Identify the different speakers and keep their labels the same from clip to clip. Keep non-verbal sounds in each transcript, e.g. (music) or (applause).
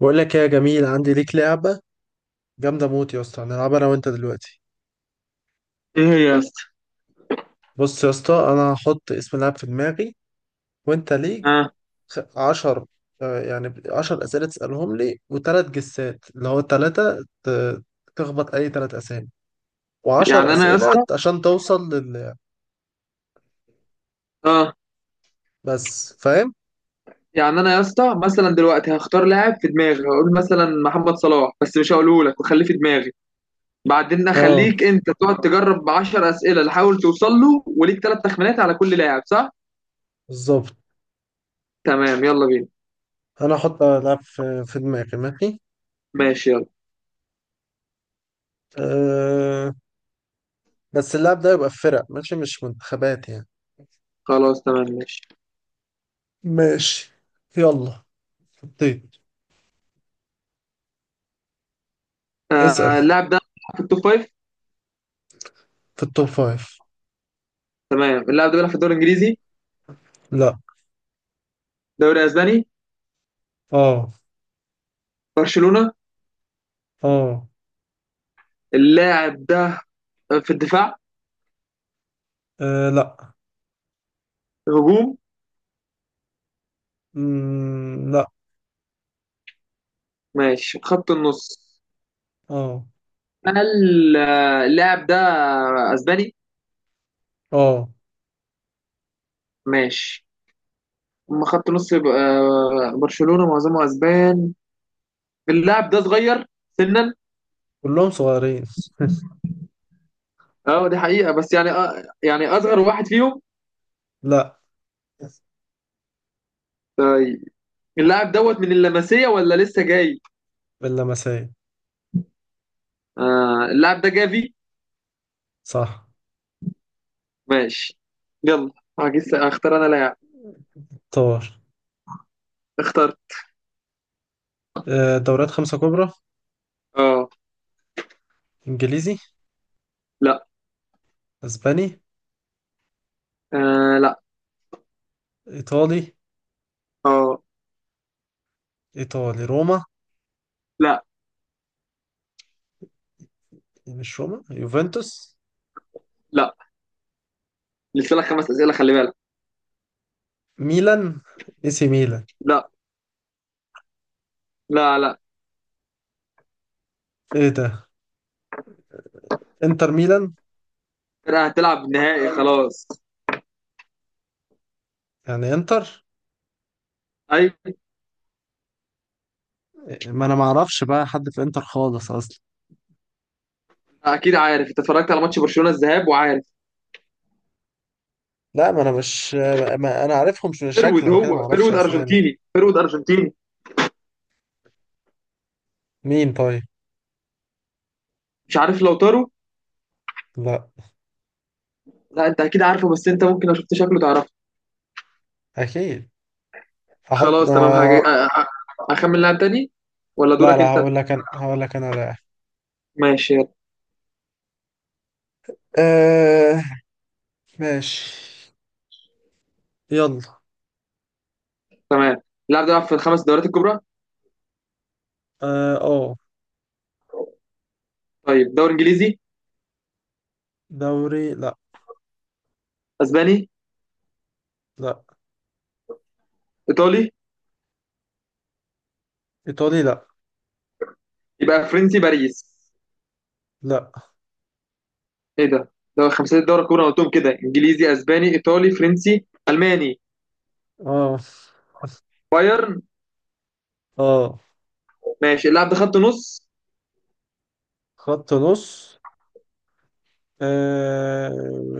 Speaker 1: بقول لك إيه يا جميل، عندي ليك لعبة جامدة موت يا اسطى هنلعبها انا وانت دلوقتي.
Speaker 2: ايه هي يا اسطى؟
Speaker 1: بص يا اسطى، انا هحط اسم لعب في دماغي وانت ليك
Speaker 2: اه.
Speaker 1: عشر. يعني عشر اسئلة تسألهم لي وتلات جسات اللي هو تلاتة تخبط اي تلات اسامي، وعشر
Speaker 2: يعني انا يا
Speaker 1: اسئلة
Speaker 2: اسطى
Speaker 1: عشان توصل لل
Speaker 2: اه.
Speaker 1: بس، فاهم؟
Speaker 2: يعني انا يا اسطى، مثلا دلوقتي هختار لاعب في دماغي، هقول مثلا محمد صلاح بس مش هقوله لك وخليه في دماغي. بعدين
Speaker 1: اه،
Speaker 2: اخليك انت تقعد تجرب 10 اسئله تحاول توصل له، وليك ثلاث تخمينات على كل لاعب، صح؟
Speaker 1: بالظبط.
Speaker 2: تمام، يلا بينا.
Speaker 1: انا هحط لعب في دماغي، ماشي؟
Speaker 2: ماشي يلا.
Speaker 1: أه. بس اللعب ده يبقى في فرق ماشي، مش منتخبات يعني.
Speaker 2: خلاص تمام ماشي.
Speaker 1: ماشي. يلا. حطيت. اسأل.
Speaker 2: آه، اللاعب ده بيلعب في التوب فايف.
Speaker 1: في التوب فايف.
Speaker 2: تمام، اللاعب ده بيلعب في الدوري الانجليزي.
Speaker 1: لا.
Speaker 2: دوري اسباني.
Speaker 1: اه.
Speaker 2: برشلونه.
Speaker 1: اه.
Speaker 2: اللاعب ده في الدفاع.
Speaker 1: آه، لا.
Speaker 2: هجوم.
Speaker 1: لا.
Speaker 2: ماشي، خط النص.
Speaker 1: اه.
Speaker 2: انا اللاعب ده اسباني.
Speaker 1: اه.
Speaker 2: ماشي. اما خط نص يبقى، برشلونة معظمه اسبان. اللاعب ده صغير سنا.
Speaker 1: كلهم صغيرين. (laughs)
Speaker 2: اه دي حقيقة، بس يعني اصغر واحد فيهم.
Speaker 1: لا.
Speaker 2: اللاعب دوت من اللمسية ولا لسه جاي؟
Speaker 1: اللمسية.
Speaker 2: آه، اللاعب ده جافي.
Speaker 1: صح.
Speaker 2: ماشي يلا، هجيس. اختار انا لاعب.
Speaker 1: طار.
Speaker 2: اختار.
Speaker 1: آه، دوريات خمسة كبرى.
Speaker 2: اه.
Speaker 1: انجليزي.
Speaker 2: لا.
Speaker 1: اسباني.
Speaker 2: آه لا.
Speaker 1: ايطالي.
Speaker 2: اه.
Speaker 1: ايطالي روما.
Speaker 2: لا
Speaker 1: إيه، مش روما، يوفنتوس.
Speaker 2: لا، لسه لك خمس اسئلة، خلي بالك.
Speaker 1: ميلان، اي سي ميلان.
Speaker 2: لا لا. لا.
Speaker 1: ايه ده، انتر ميلان.
Speaker 2: أنا هتلعب نهائي خلاص.
Speaker 1: يعني انتر.
Speaker 2: ايوه.
Speaker 1: ما انا ما اعرفش بقى حد في انتر خالص اصلا.
Speaker 2: اكيد عارف، انت اتفرجت على ماتش برشلونه الذهاب وعارف.
Speaker 1: لا، ما انا مش، ما انا عارفهم
Speaker 2: فيرود،
Speaker 1: شكلا كده ما
Speaker 2: هو
Speaker 1: اعرفش
Speaker 2: فيرود
Speaker 1: اسامي.
Speaker 2: ارجنتيني، فيرود ارجنتيني.
Speaker 1: مين طيب.
Speaker 2: مش عارف، لو تارو.
Speaker 1: لا.
Speaker 2: لا، انت اكيد عارفه، بس انت ممكن لو شفت شكله تعرفه.
Speaker 1: اكيد. هحط
Speaker 2: خلاص تمام، اخمن لاعب تاني. ولا
Speaker 1: لا
Speaker 2: دورك
Speaker 1: لا،
Speaker 2: انت؟
Speaker 1: هقول لك انا، هقول لك انا لاعب.
Speaker 2: ماشي يلا.
Speaker 1: آه... ماشي. يلا.
Speaker 2: تمام، اللاعب ده بيلعب في الخمس دوريات الكبرى.
Speaker 1: اه، أوه.
Speaker 2: طيب، دوري انجليزي.
Speaker 1: دوري لا.
Speaker 2: اسباني.
Speaker 1: لا.
Speaker 2: ايطالي.
Speaker 1: ايطالي لا.
Speaker 2: يبقى فرنسي، باريس.
Speaker 1: لا.
Speaker 2: ايه ده، ده خمسة الدوري الكبرى أنا قلتهم كده: انجليزي، اسباني، ايطالي، فرنسي، الماني.
Speaker 1: اه.
Speaker 2: بايرن.
Speaker 1: اه.
Speaker 2: ماشي، اللاعب ده خط نص.
Speaker 1: خط نص. آه...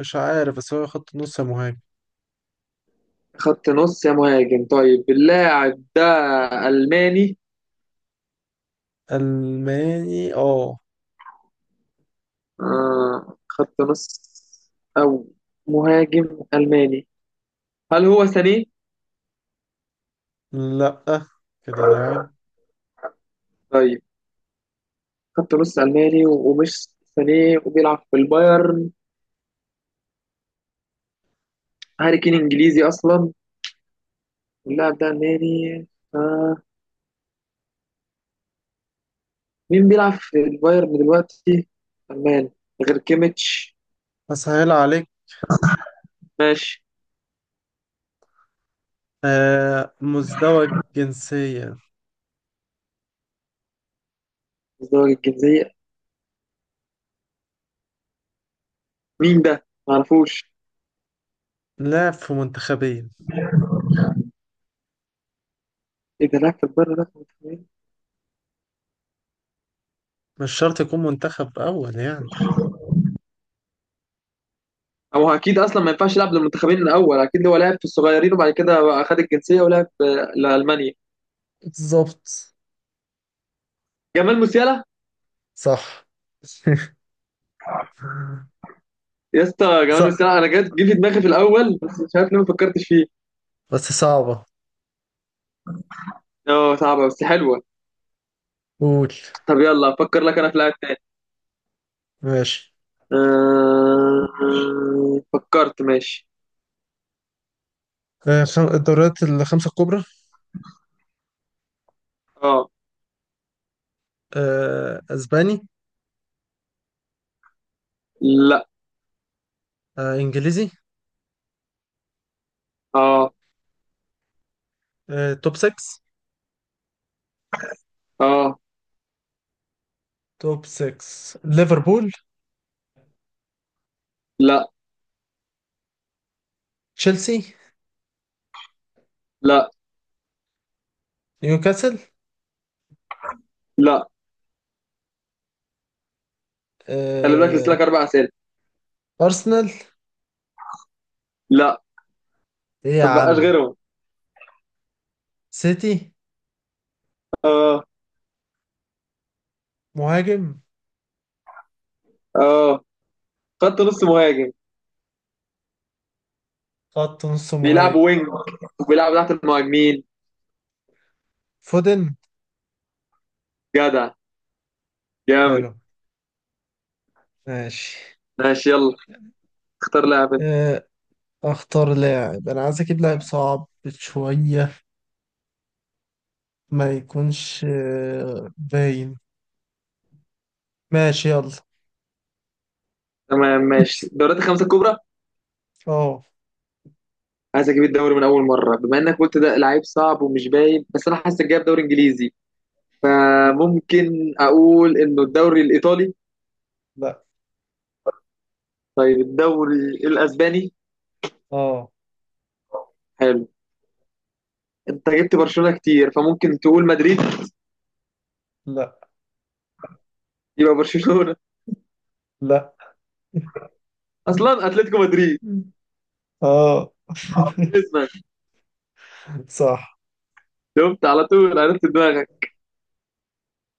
Speaker 1: مش عارف، بس هو خط نص يا مهاجم.
Speaker 2: خط نص يا مهاجم. طيب اللاعب ده ألماني.
Speaker 1: الماني اه.
Speaker 2: آه، خط نص أو مهاجم ألماني. هل هو ساني؟
Speaker 1: لا، كده لاعب.
Speaker 2: طيب، خط نص ألماني ومش ساني وبيلعب في البايرن. هاري كين إنجليزي أصلا. اللاعب ده ألماني. آه، مين بيلعب في البايرن دلوقتي؟ ألماني غير كيميتش.
Speaker 1: اسهل عليك.
Speaker 2: ماشي.
Speaker 1: مزدوج جنسيا.
Speaker 2: ازدواج الجنسية. مين ده؟ معرفوش.
Speaker 1: لاعب في منتخبين.
Speaker 2: إيه ده، لاعب في البايرن ده.
Speaker 1: مش شرط يكون منتخب أول يعني.
Speaker 2: هو اكيد اصلا ما ينفعش يلعب للمنتخبين الاول، اكيد هو لعب في الصغيرين وبعد كده بقى خد الجنسيه ولعب في لالمانيا.
Speaker 1: بالظبط.
Speaker 2: جمال موسيالا.
Speaker 1: صح. (laughs)
Speaker 2: يا اسطى جمال
Speaker 1: صح
Speaker 2: موسيالا، انا جت جه في دماغي في الاول بس مش عارف ليه ما فكرتش فيه.
Speaker 1: بس صعبة.
Speaker 2: اه صعبه بس حلوه.
Speaker 1: قول.
Speaker 2: طب يلا افكر لك انا في لاعب تاني.
Speaker 1: ماشي.
Speaker 2: أه... فكرت، ماشي.
Speaker 1: آه، الدوريات الخمسة الكبرى.
Speaker 2: اه.
Speaker 1: آه، أسباني.
Speaker 2: لا.
Speaker 1: آه، إنجليزي.
Speaker 2: اه.
Speaker 1: آه، توب 6.
Speaker 2: اه.
Speaker 1: توب 6. ليفربول.
Speaker 2: لا.
Speaker 1: تشيلسي.
Speaker 2: لا.
Speaker 1: نيوكاسل.
Speaker 2: لا، خلي بالك لسه
Speaker 1: آه،
Speaker 2: لك اربع اسئله.
Speaker 1: أرسنال.
Speaker 2: لا،
Speaker 1: إيه يا
Speaker 2: ما بقاش
Speaker 1: عم.
Speaker 2: غيرهم.
Speaker 1: سيتي.
Speaker 2: اه.
Speaker 1: مهاجم.
Speaker 2: اه، خط نص مهاجم،
Speaker 1: خط نص
Speaker 2: بيلعبوا
Speaker 1: مهاجم.
Speaker 2: وينج وبيلعبوا تحت المهاجمين.
Speaker 1: فودن.
Speaker 2: جدع، جامد.
Speaker 1: حلو. ماشي.
Speaker 2: ماشي يلا، اختار لاعب انت.
Speaker 1: آه، اختار لاعب، انا عايز اجيب لاعب صعب شوية، ما يكونش آه، باين. ماشي. يلا.
Speaker 2: تمام ماشي، دوريات الخمسة الكبرى.
Speaker 1: اه.
Speaker 2: عايز اجيب الدوري من اول مرة، بما انك قلت ده لعيب صعب ومش باين، بس انا حاسس جايب دوري انجليزي، فممكن اقول انه الدوري الايطالي.
Speaker 1: لا.
Speaker 2: طيب، الدوري الاسباني.
Speaker 1: اه.
Speaker 2: حلو. انت جبت برشلونة كتير، فممكن تقول مدريد.
Speaker 1: لا
Speaker 2: يبقى برشلونة.
Speaker 1: لا.
Speaker 2: اصلا اتلتيكو مدريد.
Speaker 1: اه. (laughs)
Speaker 2: جريزمان.
Speaker 1: صح.
Speaker 2: شفت، على طول عرفت دماغك.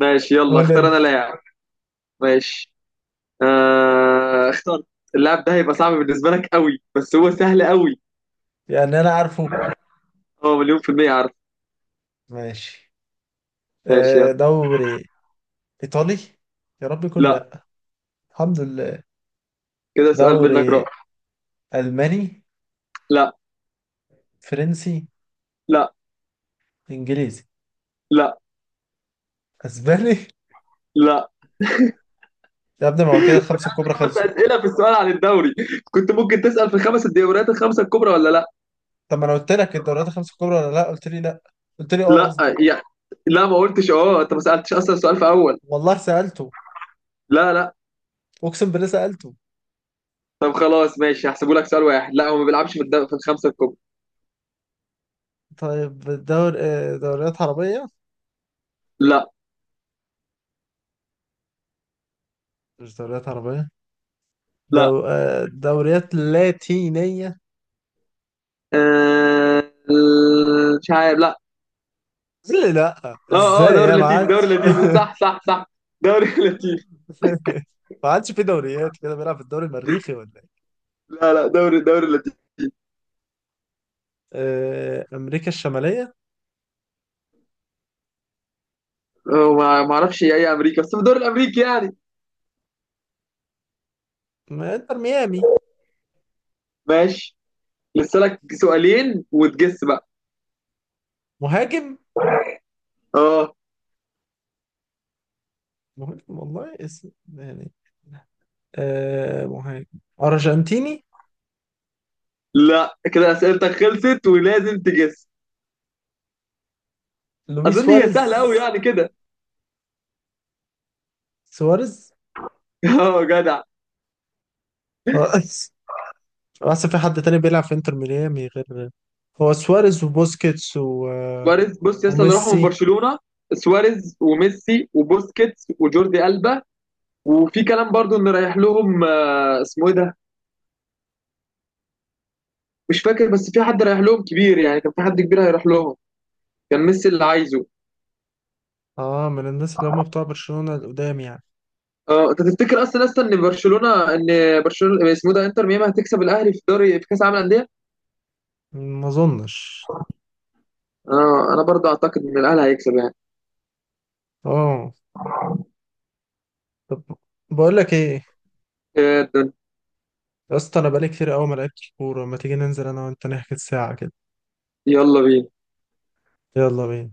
Speaker 2: ماشي يلا،
Speaker 1: قول
Speaker 2: اختار
Speaker 1: انت.
Speaker 2: انا لاعب. ماشي. آه، اختار. اللاعب ده هيبقى صعب بالنسبة لك قوي، بس هو سهل قوي.
Speaker 1: يعني انا عارفه.
Speaker 2: هو مليون في المية عارف.
Speaker 1: ماشي.
Speaker 2: ماشي
Speaker 1: آه،
Speaker 2: يلا.
Speaker 1: دوري ايطالي، يا رب يكون.
Speaker 2: لا.
Speaker 1: لا. الحمد لله.
Speaker 2: كده سؤال منك
Speaker 1: دوري
Speaker 2: راح.
Speaker 1: الماني.
Speaker 2: لا.
Speaker 1: فرنسي.
Speaker 2: لا.
Speaker 1: انجليزي.
Speaker 2: لا.
Speaker 1: اسباني. (laughs)
Speaker 2: لا.
Speaker 1: يا ابني ما هو كده الخمسة الكبرى
Speaker 2: خمس
Speaker 1: خلصوا.
Speaker 2: أسئلة في السؤال عن الدوري؟ كنت ممكن تسأل في خمس الدوريات الخمسة الكبرى ولا لا.
Speaker 1: طب ما انا قلت لك الدوريات الخمس الكبرى ولا لا؟ قلت لي لا. قلت لي اه،
Speaker 2: لا
Speaker 1: قصدي.
Speaker 2: يعني، لا ما قلتش اه، انت ما سألتش اصلا السؤال في اول.
Speaker 1: والله سالته.
Speaker 2: لا لا.
Speaker 1: اقسم بالله سالته.
Speaker 2: طب خلاص، ماشي، هحسبه لك سؤال واحد، لا هو ما بيلعبش في الخمسة الكبرى.
Speaker 1: طيب. دور آه، دوريات عربيه.
Speaker 2: لا
Speaker 1: مش دوريات عربيه.
Speaker 2: لا.
Speaker 1: آه، دوريات لاتينيه.
Speaker 2: آه... مش عارف، لا.
Speaker 1: قال لي لا
Speaker 2: اه اه،
Speaker 1: ازاي
Speaker 2: دوري
Speaker 1: يا ما
Speaker 2: لاتيني، دوري
Speaker 1: عادش.
Speaker 2: لاتيني، صح
Speaker 1: (laughs)
Speaker 2: صح صح. دوري (laughs) لاتيني.
Speaker 1: ما عادش في دوريات كده، بيلعب في الدوري المريخي ولا ايه؟
Speaker 2: لا لا، دوري لاتيني.
Speaker 1: آه، امريكا الشماليه.
Speaker 2: آه، ما اعرفش اي امريكا، بس في الدوري الامريكي يعني.
Speaker 1: ما انتر ميامي.
Speaker 2: ماشي، لسه لك سؤالين وتجس بقى.
Speaker 1: مهاجم.
Speaker 2: اه.
Speaker 1: مهاجم والله اسم يعني. آه مهاجم ارجنتيني.
Speaker 2: لا، كده اسئلتك خلصت ولازم تجس.
Speaker 1: لويس
Speaker 2: اظن هي سهله
Speaker 1: سواريز.
Speaker 2: قوي يعني كده.
Speaker 1: سواريز.
Speaker 2: (laughs) اه، جدع.
Speaker 1: ف- (laughs) اصل في حد تاني بيلعب في انتر ميامي غير، هو سواريز وبوسكيتس و...
Speaker 2: سواريز، بص يا اسطى اللي راحوا من
Speaker 1: وميسي.
Speaker 2: برشلونه: سواريز وميسي وبوسكيتس وجوردي ألبا. وفي كلام برضو ان رايح لهم، آه، اسمه ايه ده، مش فاكر، بس في حد رايح لهم كبير يعني، كان في حد كبير هيروح لهم، كان ميسي اللي عايزه.
Speaker 1: اه، من الناس اللي هم بتوع برشلونة القدام يعني.
Speaker 2: اه انت تفتكر اصلا ان برشلونه ان اسمه إيه ده، انتر ميامي هتكسب الاهلي في دوري في كاس العالم للانديه.
Speaker 1: ما اظنش.
Speaker 2: اه انا برضه اعتقد ان الاهلي هيكسب يعني.
Speaker 1: اه. طب. بقول لك ايه،
Speaker 2: إيه ده؟
Speaker 1: يا اسطى انا بقالي كتير قوي ما لعبتش كوره، ما تيجي ننزل انا وانت نحكي ساعه كده.
Speaker 2: يلا بينا.
Speaker 1: يلا بينا.